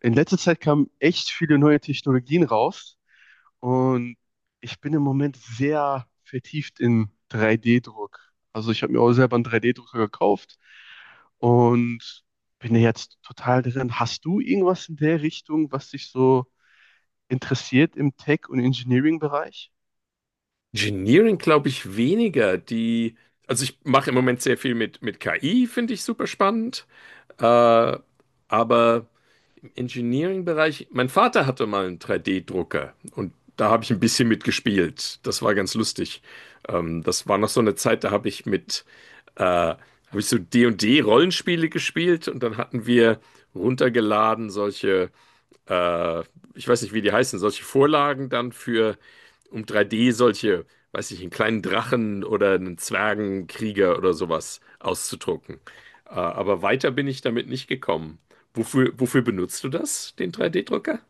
In letzter Zeit kamen echt viele neue Technologien raus und ich bin im Moment sehr vertieft in 3D-Druck. Also ich habe mir auch selber einen 3D-Drucker gekauft und bin ja jetzt total drin. Hast du irgendwas in der Richtung, was dich so interessiert im Tech- und Engineering-Bereich? Engineering glaube ich weniger. Also ich mache im Moment sehr viel mit KI, finde ich super spannend. Äh, aber im Engineering-Bereich, mein Vater hatte mal einen 3D-Drucker und da habe ich ein bisschen mitgespielt. Das war ganz lustig. Das war noch so eine Zeit, da habe ich so D und D Rollenspiele gespielt und dann hatten wir runtergeladen solche äh, ich weiß nicht, wie die heißen, solche Vorlagen dann für, um 3D solche, weiß ich, einen kleinen Drachen oder einen Zwergenkrieger oder sowas auszudrucken. Aber weiter bin ich damit nicht gekommen. Wofür benutzt du das, den 3D-Drucker?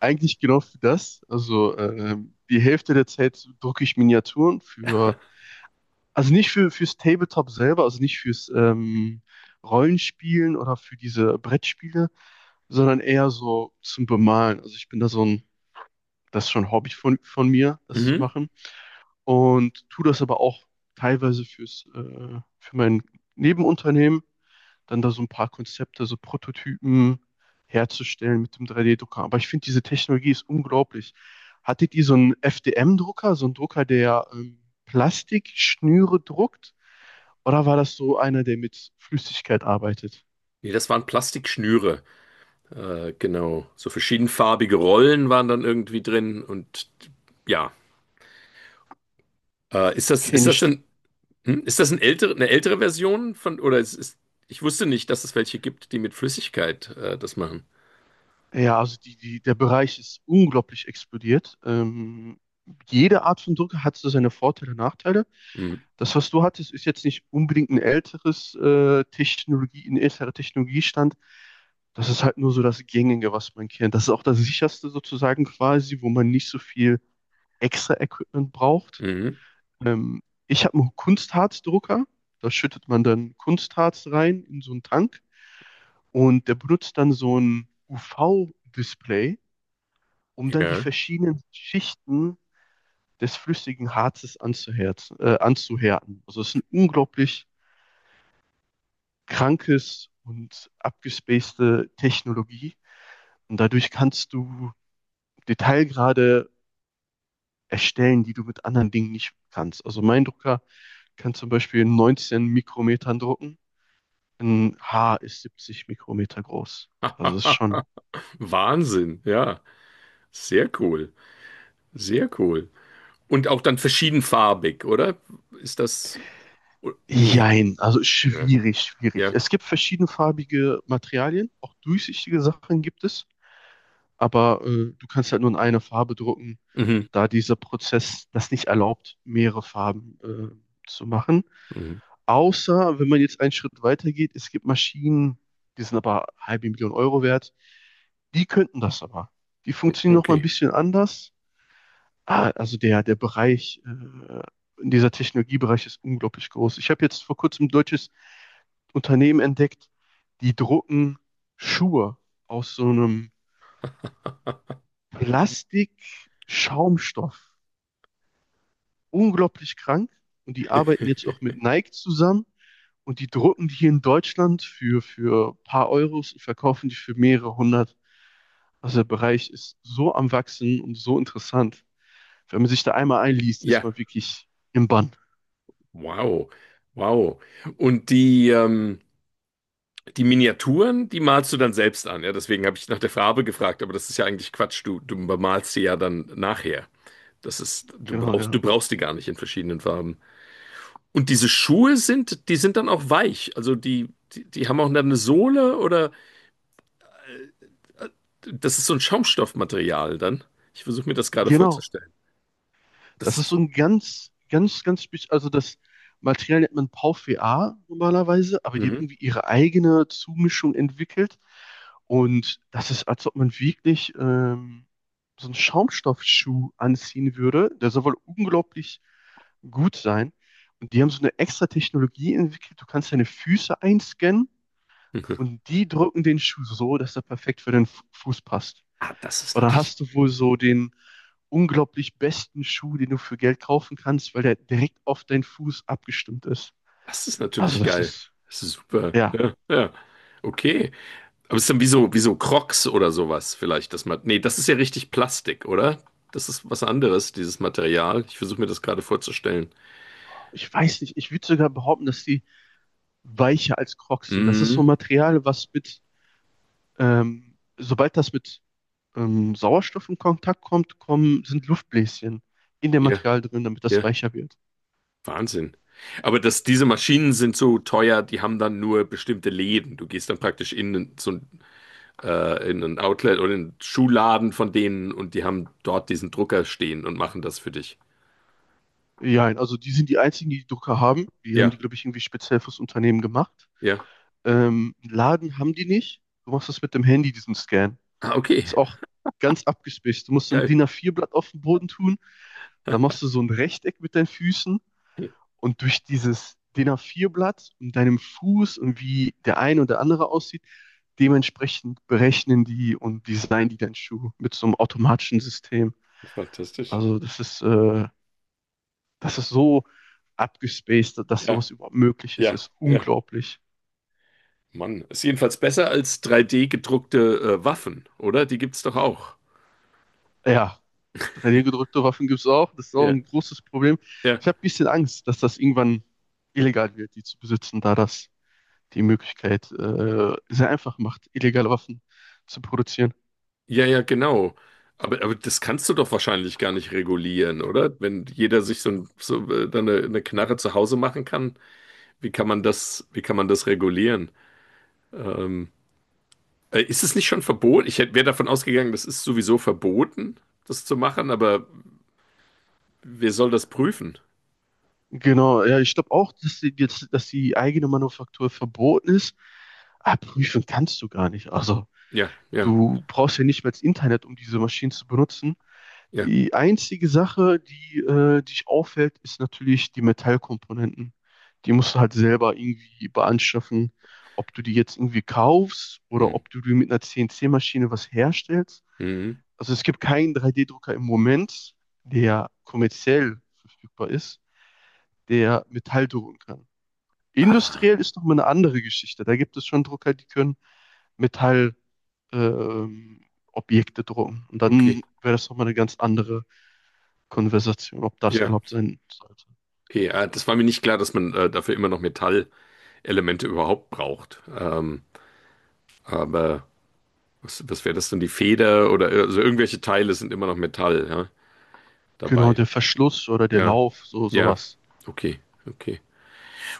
Eigentlich genau für das. Also die Hälfte der Zeit drucke ich Miniaturen. Für Also nicht fürs Tabletop selber, also nicht fürs Rollenspielen oder für diese Brettspiele, sondern eher so zum Bemalen. Also ich bin da so ein, das ist schon ein Hobby von mir, das zu Mhm. machen. Und tue das aber auch teilweise für mein Nebenunternehmen, dann da so ein paar Konzepte, so Prototypen herzustellen mit dem 3D-Drucker. Aber ich finde, diese Technologie ist unglaublich. Hattet ihr so einen FDM-Drucker, so einen Drucker, der Plastikschnüre druckt? Oder war das so einer, der mit Flüssigkeit arbeitet? Nee, das waren Plastikschnüre. Genau. So verschiedenfarbige Rollen waren dann irgendwie drin und ja. Ist Kenne das ich. denn? Hm? Ist das eine ältere Version von, oder ich wusste nicht, dass es welche gibt, die mit Flüssigkeit das machen. Ja, also der Bereich ist unglaublich explodiert. Jede Art von Drucker hat so seine Vorteile und Nachteile. Hm. Das, was du hattest, ist jetzt nicht unbedingt ein älteres Technologie, ein älterer Technologiestand. Das ist halt nur so das Gängige, was man kennt. Das ist auch das sicherste sozusagen quasi, wo man nicht so viel extra Equipment braucht. Mhm. Ähm, Ich habe einen Kunstharzdrucker. Da schüttet man dann Kunstharz rein in so einen Tank und der benutzt dann so ein UV-Display, um dann die Ja. verschiedenen Schichten des flüssigen Harzes anzuhärten. Also es ist ein unglaublich krankes und abgespacete Technologie, und dadurch kannst du Detailgrade erstellen, die du mit anderen Dingen nicht kannst. Also mein Drucker kann zum Beispiel in Mikrometern drucken. Ein Haar ist 70 Mikrometer groß. Also das ist schon, Wahnsinn, ja. Sehr cool. Sehr cool. Und auch dann verschiedenfarbig, oder? Ist das. Nee. jein, also Ja. schwierig, schwierig. Ja. Es gibt verschiedenfarbige Materialien, auch durchsichtige Sachen gibt es, aber du kannst halt nur in einer Farbe drucken, Mhm. da dieser Prozess das nicht erlaubt, mehrere Farben zu machen. Mhm. Außer, wenn man jetzt einen Schritt weiter geht, es gibt Maschinen, die sind aber halbe Million Euro wert, die könnten das aber. Die funktionieren noch mal ein Okay. bisschen anders. Ah, also der Bereich, dieser Technologiebereich ist unglaublich groß. Ich habe jetzt vor kurzem ein deutsches Unternehmen entdeckt, die drucken Schuhe aus so einem Plastik-Schaumstoff. Unglaublich krank. Und die arbeiten jetzt auch mit Nike zusammen und die drucken die hier in Deutschland für ein paar Euros und verkaufen die für mehrere hundert. Also der Bereich ist so am Wachsen und so interessant. Wenn man sich da einmal einliest, ist Ja. man wirklich im Bann. Wow. Wow. Und die Miniaturen, die malst du dann selbst an. Ja, deswegen habe ich nach der Farbe gefragt, aber das ist ja eigentlich Quatsch. Du bemalst sie ja dann nachher. Das ist, Genau, ja. du brauchst die gar nicht in verschiedenen Farben. Und diese Schuhe sind, die sind dann auch weich. Also die haben auch dann eine Sohle oder das ist so ein Schaumstoffmaterial dann. Ich versuche mir das gerade Genau. vorzustellen. Das Das ist ist. so ein ganz, ganz, ganz spezieller, also das Material nennt man PauVA normalerweise, aber die haben Mhm. irgendwie ihre eigene Zumischung entwickelt. Und das ist, als ob man wirklich so einen Schaumstoffschuh anziehen würde. Der soll wohl unglaublich gut sein. Und die haben so eine extra Technologie entwickelt. Du kannst deine Füße einscannen Mhm. und die drücken den Schuh so, dass er perfekt für den Fuß passt. Ah, Und dann hast du wohl so den unglaublich besten Schuh, den du für Geld kaufen kannst, weil der direkt auf deinen Fuß abgestimmt ist. das ist Also natürlich das geil. ist, Das ist super. ja, Ja, ja. Okay. Aber es ist dann wie so Crocs oder sowas vielleicht, das man, nee, das ist ja richtig Plastik, oder? Das ist was anderes, dieses Material. Ich versuche mir das gerade vorzustellen. ich weiß nicht, ich würde sogar behaupten, dass die weicher als Crocs sind. Das ist so ein Mhm. Material, was sobald das mit Sauerstoff in Kontakt kommt, sind Luftbläschen in dem Ja, Material drin, damit das ja. weicher wird. Wahnsinn. Diese Maschinen sind so teuer, die haben dann nur bestimmte Läden. Du gehst dann praktisch in ein Outlet oder in einen Schuhladen von denen und die haben dort diesen Drucker stehen und machen das für dich. Ja, also die sind die einzigen, die die Drucker haben. Die haben die, Ja, glaube ich, irgendwie speziell fürs Unternehmen gemacht. ja. Laden haben die nicht. Du machst das mit dem Handy, diesen Scan. Ah, okay. Ist auch ganz abgespaced. Du musst so ein Geil. DIN A4-Blatt auf den Boden tun. Dann machst du so ein Rechteck mit deinen Füßen und durch dieses DIN A4-Blatt und deinem Fuß und wie der eine oder andere aussieht, dementsprechend berechnen die und designen die deinen Schuh mit so einem automatischen System. Fantastisch. Also das ist so abgespaced, dass Ja, sowas überhaupt möglich ist, ja, ist ja. unglaublich. Mann, ist jedenfalls besser als 3D gedruckte Waffen, oder? Die gibt's doch auch. Ja, 3D-gedrückte Waffen gibt's auch. Das ist auch Ja, ein großes Problem. ja. Ich habe ein bisschen Angst, dass das irgendwann illegal wird, die zu besitzen, da das die Möglichkeit sehr einfach macht, illegale Waffen zu produzieren. Ja, ja, genau. Aber das kannst du doch wahrscheinlich gar nicht regulieren, oder? Wenn jeder sich so, ein, so dann eine Knarre zu Hause machen kann, wie kann man das regulieren? Ähm, Ist es nicht schon verboten? Ich wäre davon ausgegangen, das ist sowieso verboten, das zu machen, aber wer soll das prüfen? Genau, ja, ich glaube auch, dass die eigene Manufaktur verboten ist. Aber prüfen kannst du gar nicht. Also, Ja, ja, du brauchst ja nicht mehr das Internet, um diese Maschinen zu benutzen. ja. Die einzige Sache, die dich auffällt, ist natürlich die Metallkomponenten. Die musst du halt selber irgendwie beanschaffen, ob du die jetzt irgendwie kaufst oder Mhm. ob du die mit einer CNC-Maschine was herstellst. Mhm. Also es gibt keinen 3D-Drucker im Moment, der kommerziell verfügbar ist, der Metall drucken kann. Ah, Industriell ist nochmal eine andere Geschichte. Da gibt es schon Drucker, die können Metall ähm, Objekte drucken. Und okay. dann wäre das nochmal eine ganz andere Konversation, ob das Ja, erlaubt sein sollte. okay. Ah, das war mir nicht klar, dass man dafür immer noch Metallelemente überhaupt braucht. Aber. Was wäre das denn? Die Feder oder also irgendwelche Teile sind immer noch Metall, ja, Genau, dabei. der Verschluss oder der Ja, Lauf, so ja, sowas. okay, okay.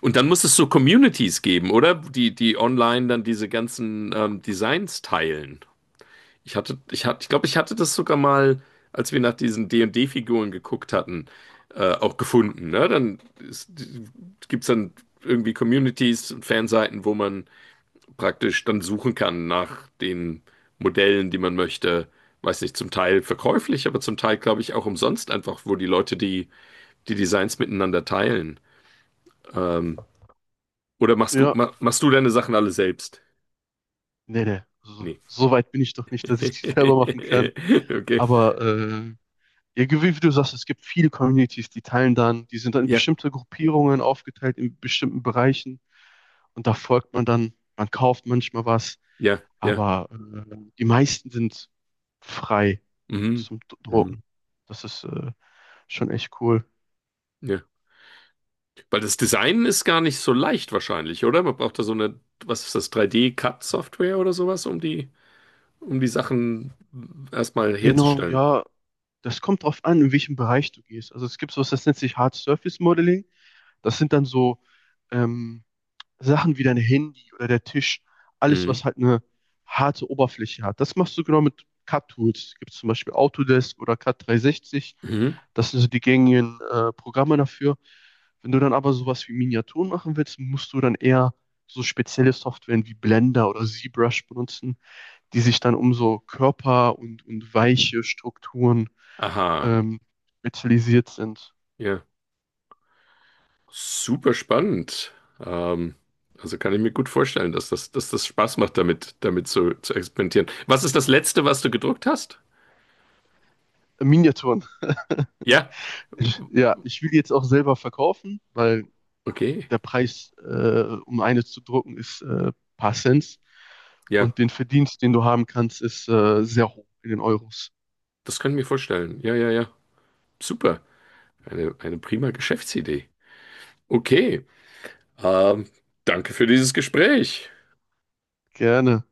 Und dann muss es so Communities geben, oder? Die, die online dann diese ganzen Designs teilen. Ich glaube, ich hatte das sogar mal, als wir nach diesen D D Figuren geguckt hatten, auch gefunden. Ne? Dann gibt es dann irgendwie Communities und Fanseiten, wo man praktisch dann suchen kann nach den Modellen, die man möchte. Weiß nicht, zum Teil verkäuflich, aber zum Teil, glaube ich, auch umsonst einfach, wo die Leute die Designs miteinander teilen. Ähm, oder machst du, Ja, ma, machst du deine Sachen alle selbst? nee, nee. So, Nee. so weit bin ich doch nicht, dass ich die selber machen kann. Okay. Aber ja, wie du sagst, es gibt viele Communities, die teilen dann, die sind dann in Ja, bestimmte Gruppierungen aufgeteilt, in bestimmten Bereichen. Und da folgt man dann, man kauft manchmal was, ja, ja. aber die meisten sind frei Mhm. zum Mhm. Drucken. Das ist schon echt cool. Ja. Weil das Design ist gar nicht so leicht wahrscheinlich, oder? Man braucht da so eine, was ist das, 3D-Cut-Software oder sowas, um die Sachen erstmal Genau, herzustellen. ja, das kommt drauf an, in welchem Bereich du gehst. Also es gibt sowas, das nennt sich Hard Surface Modeling. Das sind dann so ähm, Sachen wie dein Handy oder der Tisch, alles, Mhm. was halt eine harte Oberfläche hat. Das machst du genau mit CAD-Tools. Gibt es zum Beispiel Autodesk oder CAD 360. Mhm. Das sind so die gängigen Programme dafür. Wenn du dann aber sowas wie Miniaturen machen willst, musst du dann eher so spezielle Softwaren wie Blender oder ZBrush benutzen, die sich dann um so Körper und weiche Strukturen Aha, ähm, spezialisiert sind. ja, super spannend. Ähm, also kann ich mir gut vorstellen, dass das, Spaß macht, damit zu experimentieren. Was ist das Letzte, was du gedruckt hast? Miniaturen. Ja, Ja, ich will die jetzt auch selber verkaufen, weil okay, der Preis, um eine zu drucken, ist paar Cent. ja, Und den Verdienst, den du haben kannst, ist sehr hoch in den Euros. das kann ich mir vorstellen. Ja, ja, ja, super. Eine prima Geschäftsidee. Okay, ähm, danke für dieses Gespräch. Gerne.